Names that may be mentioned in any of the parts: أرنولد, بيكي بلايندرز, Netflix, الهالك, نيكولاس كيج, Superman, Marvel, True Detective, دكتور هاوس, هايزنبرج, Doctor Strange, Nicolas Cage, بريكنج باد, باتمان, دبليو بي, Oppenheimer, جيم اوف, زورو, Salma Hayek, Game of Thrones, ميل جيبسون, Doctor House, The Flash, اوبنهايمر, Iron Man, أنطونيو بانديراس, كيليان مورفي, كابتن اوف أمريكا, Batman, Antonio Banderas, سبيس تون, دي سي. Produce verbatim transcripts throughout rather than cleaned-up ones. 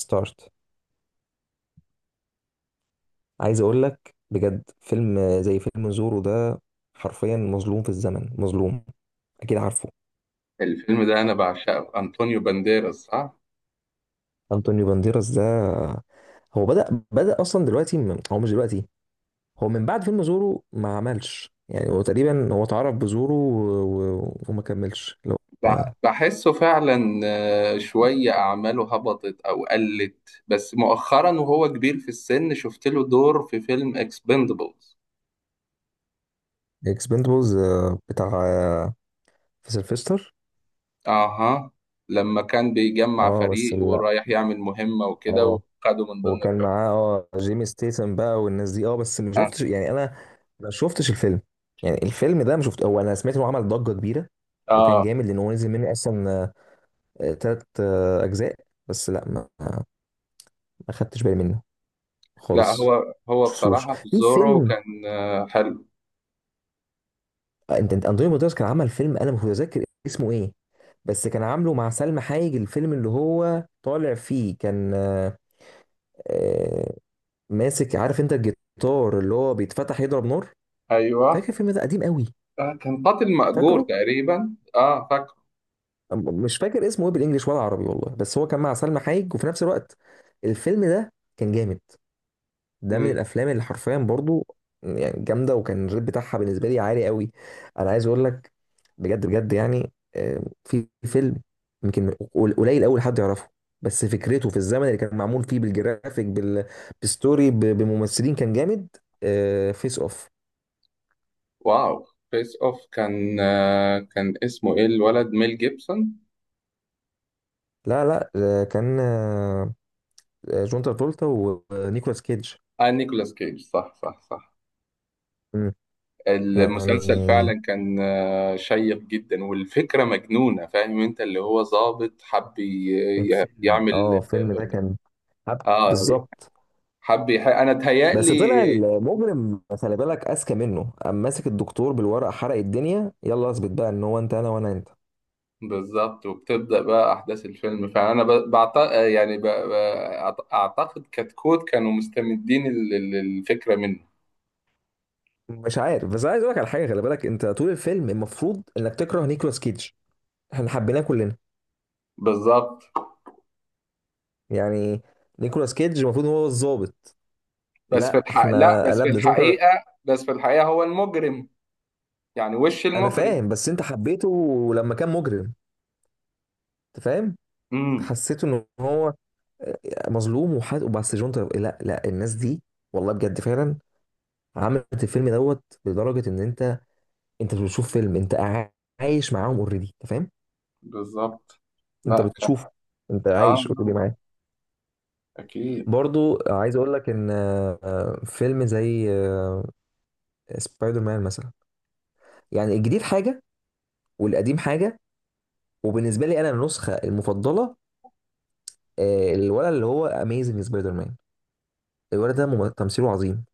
ستارت. عايز اقول لك بجد، فيلم زي فيلم زورو ده حرفيا مظلوم في الزمن، مظلوم. اكيد عارفه. الفيلم ده أنا بعشقه، أنطونيو بانديراس صح؟ انطونيو بانديراس ده، هو بدأ بدأ اصلا دلوقتي من- هو مش دلوقتي. هو من بعد فيلم زورو ما عملش، يعني هو تقريبا هو اتعرف بزورو و- و- وما كملش. اللي هو بع- بحسه فعلا، آه، شوية أعماله هبطت أو قلت. بس مؤخرا وهو كبير في السن شفت له دور في فيلم اكسبندبلز. اكسبندبلز بتاع آه، في سيلفستر. أها. لما كان بيجمع اه، بس فريق لا. ورايح يعمل مهمة وكده اه، وخده من ضمن وكان الفريق. معاه اه جيمي ستيسن بقى والناس دي، اه بس ما آه. شفتش، يعني انا ما شفتش الفيلم. يعني الفيلم ده ما شفت، هو انا سمعت انه عمل ضجة كبيرة وكان آه. جامد، لان هو نزل منه اصلا ثلاث اجزاء. بس لا، ما ما خدتش بالي منه لا، خالص. هو ما هو شفتوش؟ بصراحة في في زورو فيلم كان آه، حلو. آه، انت انت انطوني بطرس كان عمل فيلم انا مش متذكر اسمه ايه، بس كان عامله مع سلمى حايج. الفيلم اللي هو طالع فيه كان آه، آه، ماسك، عارف انت، الجيتار اللي هو بيتفتح يضرب نار. فاكر أيوه. الفيلم ده؟ قديم قوي. آه، كان قاتل مأجور فاكره. تقريبا. آه، أم- مش فاكر اسمه ايه بالانجلش ولا عربي، والله، بس هو كان مع سلمى حايك. وفي نفس الوقت الفيلم ده كان جامد. ده من فاكره. الافلام اللي حرفيا برضو، يعني جامده، وكان الريت بتاعها بالنسبه لي عالي قوي. انا عايز اقول لك بجد بجد، يعني آه، في فيلم يمكن قل- قليل قوي حد يعرفه. بس فكرته في الزمن اللي كان معمول فيه، بالجرافيك، بال- بالستوري، ب- بممثلين، كان جامد. فيس اوف. واو، فيس اوف كان، آه، كان اسمه ايه الولد، ميل جيبسون. لا، لا، آه، كان آه، جون ترافولتا ونيكولاس كيدج. اه، نيكولاس كيج، صح صح صح. يعني المسلسل فعلا كان آه، شيق جدا والفكرة مجنونة. فاهم انت اللي هو ضابط حب ي- ي- الفيلم اه يعمل. الفيلم ده كان حب. اه، بالظبط. حب يح... انا اتهيألي. بس طلع المجرم، خلي بالك، اذكى منه. قام ماسك الدكتور بالورقه، حرق الدنيا، يلا اثبت بقى ان هو انت انا وانا انت. بالظبط، وبتبدأ بقى احداث الفيلم، فانا ب... بعت... يعني ب... ب... أعت- اعتقد كتكوت كانوا مستمدين ال- ال- الفكرة منه. مش عارف. بس عايز اقول لك على حاجه، خلي بالك، انت طول الفيلم المفروض انك تكره نيكولاس كيدج، احنا حبيناه كلنا. بالظبط. يعني نيكولاس كيدج المفروض إن هو الظابط. بس في لا، الحق، لا، احنا بس في قلبنا شو انت. الحقيقة، بس في الحقيقة هو المجرم، يعني وش انا المجرم. فاهم، بس انت حبيته لما كان مجرم، انت فاهم. امم. حسيته ان هو مظلوم وحد. وبس جون تر... لا، لا، الناس دي والله بجد فعلا عملت الفيلم دوت لدرجه ان انت انت مش بتشوف فيلم، انت قاع- عايش معاهم اوريدي، انت فاهم. بالظبط. انت لا كان. بتشوفه، انت اه، عايش اوريدي معاه. اكيد. برضو عايز اقول لك ان آه، آه، فيلم زي آه، سبايدر مان مثلا، يعني الجديد حاجه والقديم حاجه، وبالنسبه لي انا النسخه المفضله آه، الولد اللي هو اميزنج سبايدر مان. الولد ده مم- تمثيله عظيم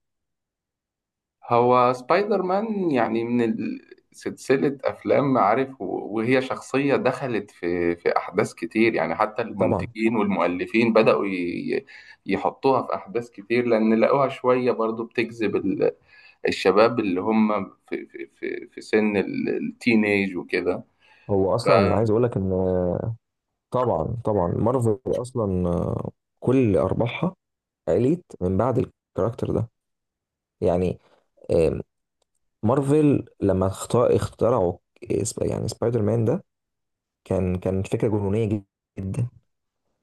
هو سبايدر مان، يعني من ال- سلسلة أفلام عارف، و- وهي شخصية دخلت في في أحداث كتير. يعني حتى طبعا. المنتجين والمؤلفين بدأوا ي- يحطوها في أحداث كتير، لأن لقوها شوية برضو بتجذب ال- الشباب اللي هم في في في في سن ال- التينيج وكده. هو ف- اصلا عايز اقول لك ان طبعا طبعا، مارفل اصلا آه، كل ارباحها قليت من بعد الكاركتر ده، يعني. آم، مارفل لما اخت- اخترعوا سب- يعني سبايدر مان ده، كان كان فكره جنونيه جد- جدا.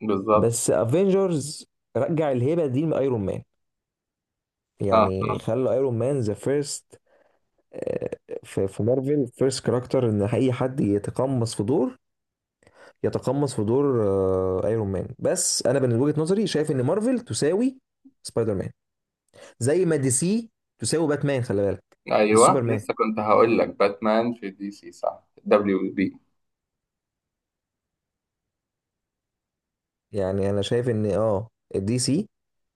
بالظبط. بس افنجرز رجع الهيبه دي لايرون مان، اه. يعني آه. خلى ايرون مان ذا فيرست في في مارفل، فيرست كاركتر ان اي حد يتقمص في دور، يتقمص في دور ايرون مان. بس انا من وجهه نظري شايف ان مارفل تساوي سبايدر مان، زي ما دي سي تساوي باتمان، خلي بالك، مش ايوه، سوبرمان. لسه كنت هقول لك باتمان في دي سي صح، دبليو بي. يعني انا شايف ان اه دي سي،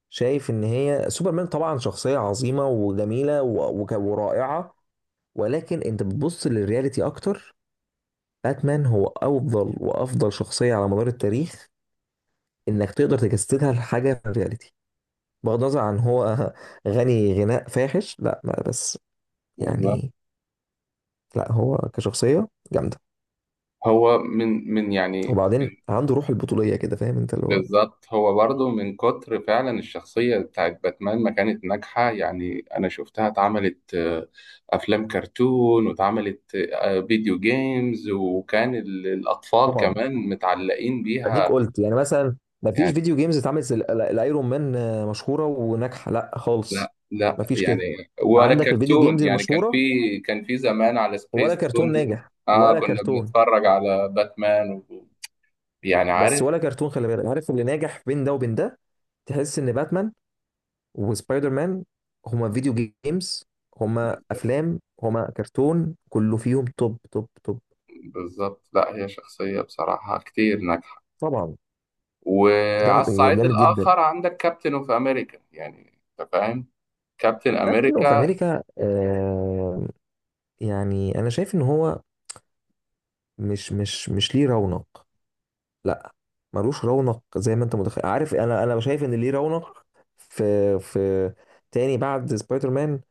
شايف ان هي سوبرمان طبعا شخصية عظيمة وجميلة و- وك- ورائعة. ولكن انت بتبص للرياليتي اكتر. باتمان هو افضل وافضل شخصية على مدار التاريخ، انك تقدر تجسدها لحاجة في الرياليتي. بغض النظر عن هو غني غناء فاحش. لا، ما بس بالظبط. يعني. لا هو كشخصية جامدة. هو من من يعني. وبعدين عنده روح البطولية كده، فاهم انت اللي هو. بالظبط، هو برضه من كتر فعلا الشخصية بتاعت باتمان ما كانت ناجحة. يعني أنا شفتها اتعملت، آه، أفلام كرتون، واتعملت، آه، فيديو جيمز، وكان ال- الأطفال طبعا كمان متعلقين اديك بيها. قلت يعني مثلا، ما فيش يعني فيديو جيمز اتعملت زي ال- ال- الايرون مان آه، مشهوره وناجحه، لا خالص. لا لا، ما فيش يعني كده، ولا عندك الفيديو كرتون، جيمز يعني كان في. المشهوره، كان في زمان على ولا سبيس تون. كرتون ناجح، اه، ولا كنا كرتون. بنتفرج على باتمان و... يعني بس عارف. ولا كرتون، خلي بالك، عارف اللي ناجح بين ده وبين ده. تحس ان باتمان وسبايدر مان هما فيديو جيمز، هما افلام، هما كرتون، كله فيهم توب توب توب. بالظبط، لا هي شخصية بصراحة كتير ناجحة. طبعا وعلى جامد، الصعيد جامد جدا. الآخر عندك كابتن اوف أمريكا، يعني أنت فاهم، كابتن كابتن اوف أمريكا. امريكا. آه يعني انا شايف ان هو مش مش مش ليه رونق. لا، ملوش رونق زي ما انت متخيل، عارف، انا انا شايف ان ليه رونق في في تاني بعد سبايدر مان،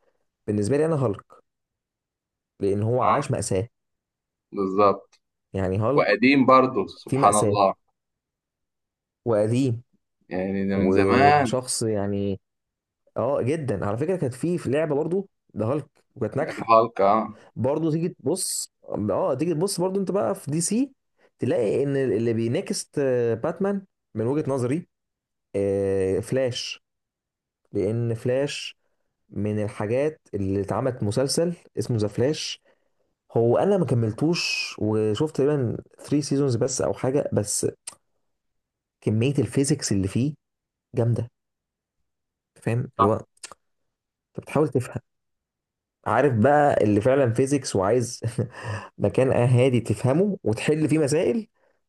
بالنسبه لي انا، هالك، لان هو اه. عاش مأساة. بالظبط، يعني هالك وقديم برضه في سبحان مأساة، الله، وقديم، يعني ده من زمان. وشخص يعني. اه جدا، على فكره كانت في في لعبه برضو، ده هالك، وكانت ناجحه. الهالك اه. برضو تيجي تبص اه تيجي تبص برضو، انت بقى في دي سي تلاقي ان اللي بينافس آه، باتمان من وجهه نظري آه، فلاش. لان فلاش من الحاجات اللي اتعملت، مسلسل اسمه ذا فلاش، هو انا ما كملتوش، وشفت تقريبا تلات سيزونز بس او حاجه. بس كميه الفيزيكس اللي فيه جامده. فاهم اللي هو انت بتحاول تفهم، عارف بقى اللي فعلا فيزيكس وعايز مكان هادي تفهمه وتحل فيه مسائل.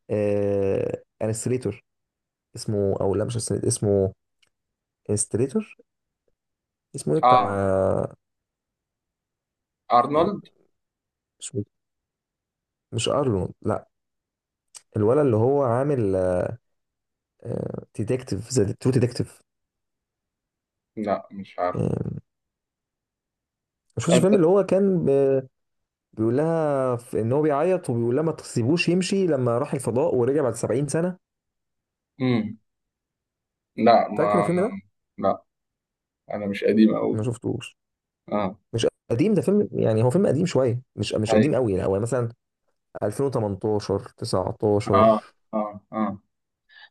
آه... انستريتور اسمه، او لا، مش انستريتور، اسمه انستريتور، اسمه ايه بتاع، اه، أرنولد. مش مش ارلون، لا، الولد اللي هو عامل ديتكتيف، ذا ترو ديتكتيف. لا، مش عارف. يعني مش فاكر أنت. الفيلم اللي هو كان ب- بيقول لها ف- ان هو بيعيط وبيقول لها ما تسيبوش يمشي، لما راح الفضاء ورجع بعد 70 سنة. مم. لا فاكر ما. الفيلم ده؟ لا، انا مش قديم قوي. ما شفتوش. اه. مش قديم، ده فيلم يعني هو فيلم قديم شوية، مش مش ايوه. قديم قوي، يعني هو مثلا ألفين وتمنتاشر تسعتاشر. اه اه اه.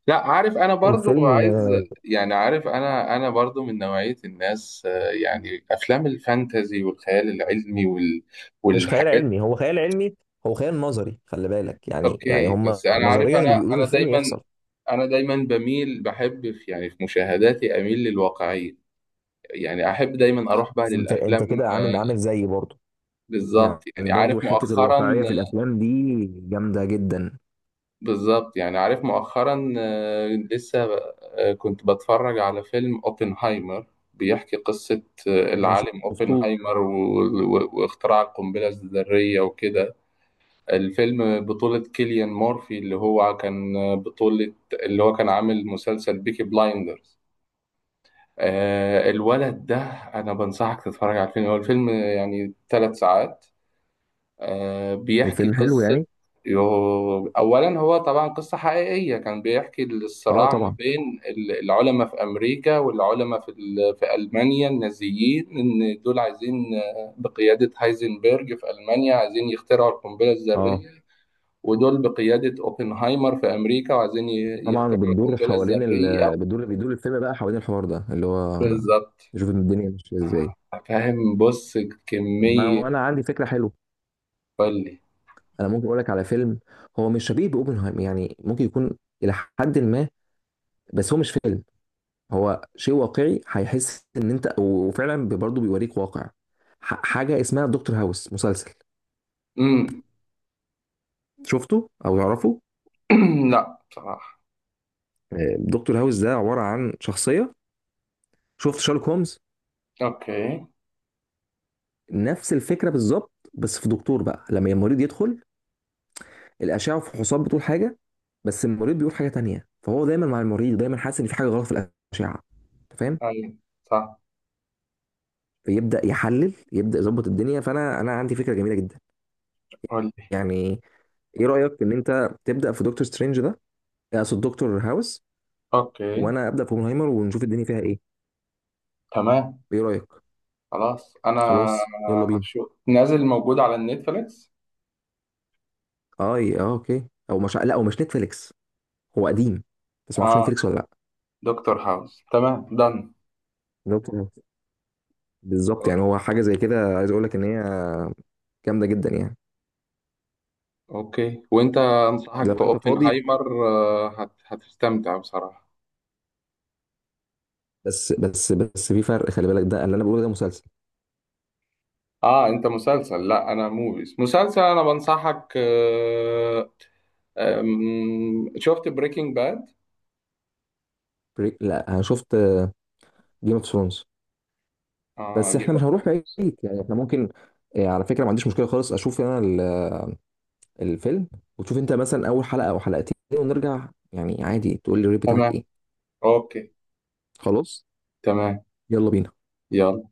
لا، عارف انا برضو الفيلم عايز. آه، يعني عارف انا انا برضو من نوعية الناس، آه، يعني افلام الفانتازي والخيال العلمي وال مش خيال والحاجات علمي، هو خيال علمي، هو خيال نظري، خلي بالك، دي. يعني يعني اوكي، هم بس انا عارف، نظريا اللي انا بيقولوه في انا الفيلم دايما، يحصل. انا دايما بميل، بحب في يعني في مشاهداتي اميل للواقعية. يعني احب دايما اروح بقى انت انت للافلام. كده عامل آه، عامل زيي برضه، يعني. بالظبط، يعني عارف برضه حتة مؤخرا. الواقعية في الأفلام دي جامدة جدا. بالظبط، يعني عارف مؤخرا، آه، لسه آه، كنت بتفرج على فيلم اوبنهايمر، بيحكي قصة آه، انا العالم شفته. اوبنهايمر و- و- واختراع القنبلة الذرية وكده. الفيلم بطولة كيليان مورفي اللي هو كان آه، بطولة، اللي هو كان عامل مسلسل بيكي بلايندرز، آه، الولد ده. انا بنصحك تتفرج على الفيلم، هو الفيلم يعني ثلاث ساعات، آه، بيحكي فيلم حلو قصة. يعني. يو- أولا هو طبعا قصة حقيقية، كان بيحكي اه الصراع ما طبعا، بين ال- العلماء في أمريكا والعلماء في ال- في ألمانيا النازيين، إن دول عايزين، آه، بقيادة هايزنبرج في ألمانيا، عايزين يخترعوا القنبلة اه الذرية، ودول بقيادة أوبنهايمر في أمريكا وعايزين ي- طبعا يخترعوا بتدور القنبلة حوالين الذرية. ال... بتدور، بيدور الفيلم بقى حوالين الحوار ده اللي هو بالظبط. نشوف الدنيا ماشيه ازاي. آه، فاهم، بص طب ما كمية. هو انا عندي فكره حلوه. قولي. انا ممكن اقول لك على فيلم، هو مش شبيه باوبنهايمر، يعني ممكن يكون الى حد ما، بس هو مش فيلم، هو شيء واقعي هيحس ان انت، وفعلا برضه بيوريك واقع. ح... حاجه اسمها دكتور هاوس، مسلسل. امم. شفته او تعرفه؟ لا، بصراحة. آه، دكتور هاوس ده عباره عن شخصيه. شفت شارلوك هومز؟ اوكي. نفس الفكره بالظبط، بس في دكتور بقى لما المريض يدخل، الاشعه والفحوصات بتقول حاجه، بس المريض بيقول حاجه تانية، فهو دايما مع المريض دايما حاسس ان في حاجه غلط في الاشعه، أنت فاهم. ايوه صح. فيبدا يحلل، يبدا يظبط الدنيا. فانا انا عندي فكره جميله جدا، قول لي. يعني ايه رايك ان انت تبدا في دكتور سترينج ده، اقصد دكتور هاوس، اوكي، وانا ابدا في اوبنهايمر ونشوف الدنيا فيها ايه؟ تمام. ايه رايك؟ خلاص، انا خلاص يلا بينا. هشوف نازل موجود على النتفليكس. اه، اه، اوكي. او مش، لا، او مش نتفليكس، هو قديم، بس ما اعرفش اه، نتفليكس ولا لا. دكتور هاوس تمام دن. دكتور، بالظبط، يعني هو حاجه زي كده عايز اقول لك ان هي جامده جدا يعني، اوكي، وانت انصحك لو انت فاضي. باوبنهايمر، آه، هت... هتستمتع بصراحة. بس بس بس في فرق خلي بالك، ده اللي انا بقوله ده مسلسل. اه انت مسلسل، لا انا موفيز مسلسل. انا بنصحك آه... آم... شفت بريكنج باد. بريك لا انا شفت جيم اوف ثرونز. اه، بس جيم احنا مش اوف. هنروح بعيد، يعني احنا ممكن. آه، على فكره ما عنديش مشكله خالص، اشوف انا ال- الفيلم، وتشوف انت مثلا اول حلقه او حلقتين ونرجع، يعني عادي، تقول لي الريت بتاعك تمام. ايه. اوكي. خلاص تمام. يلا بينا. يلا.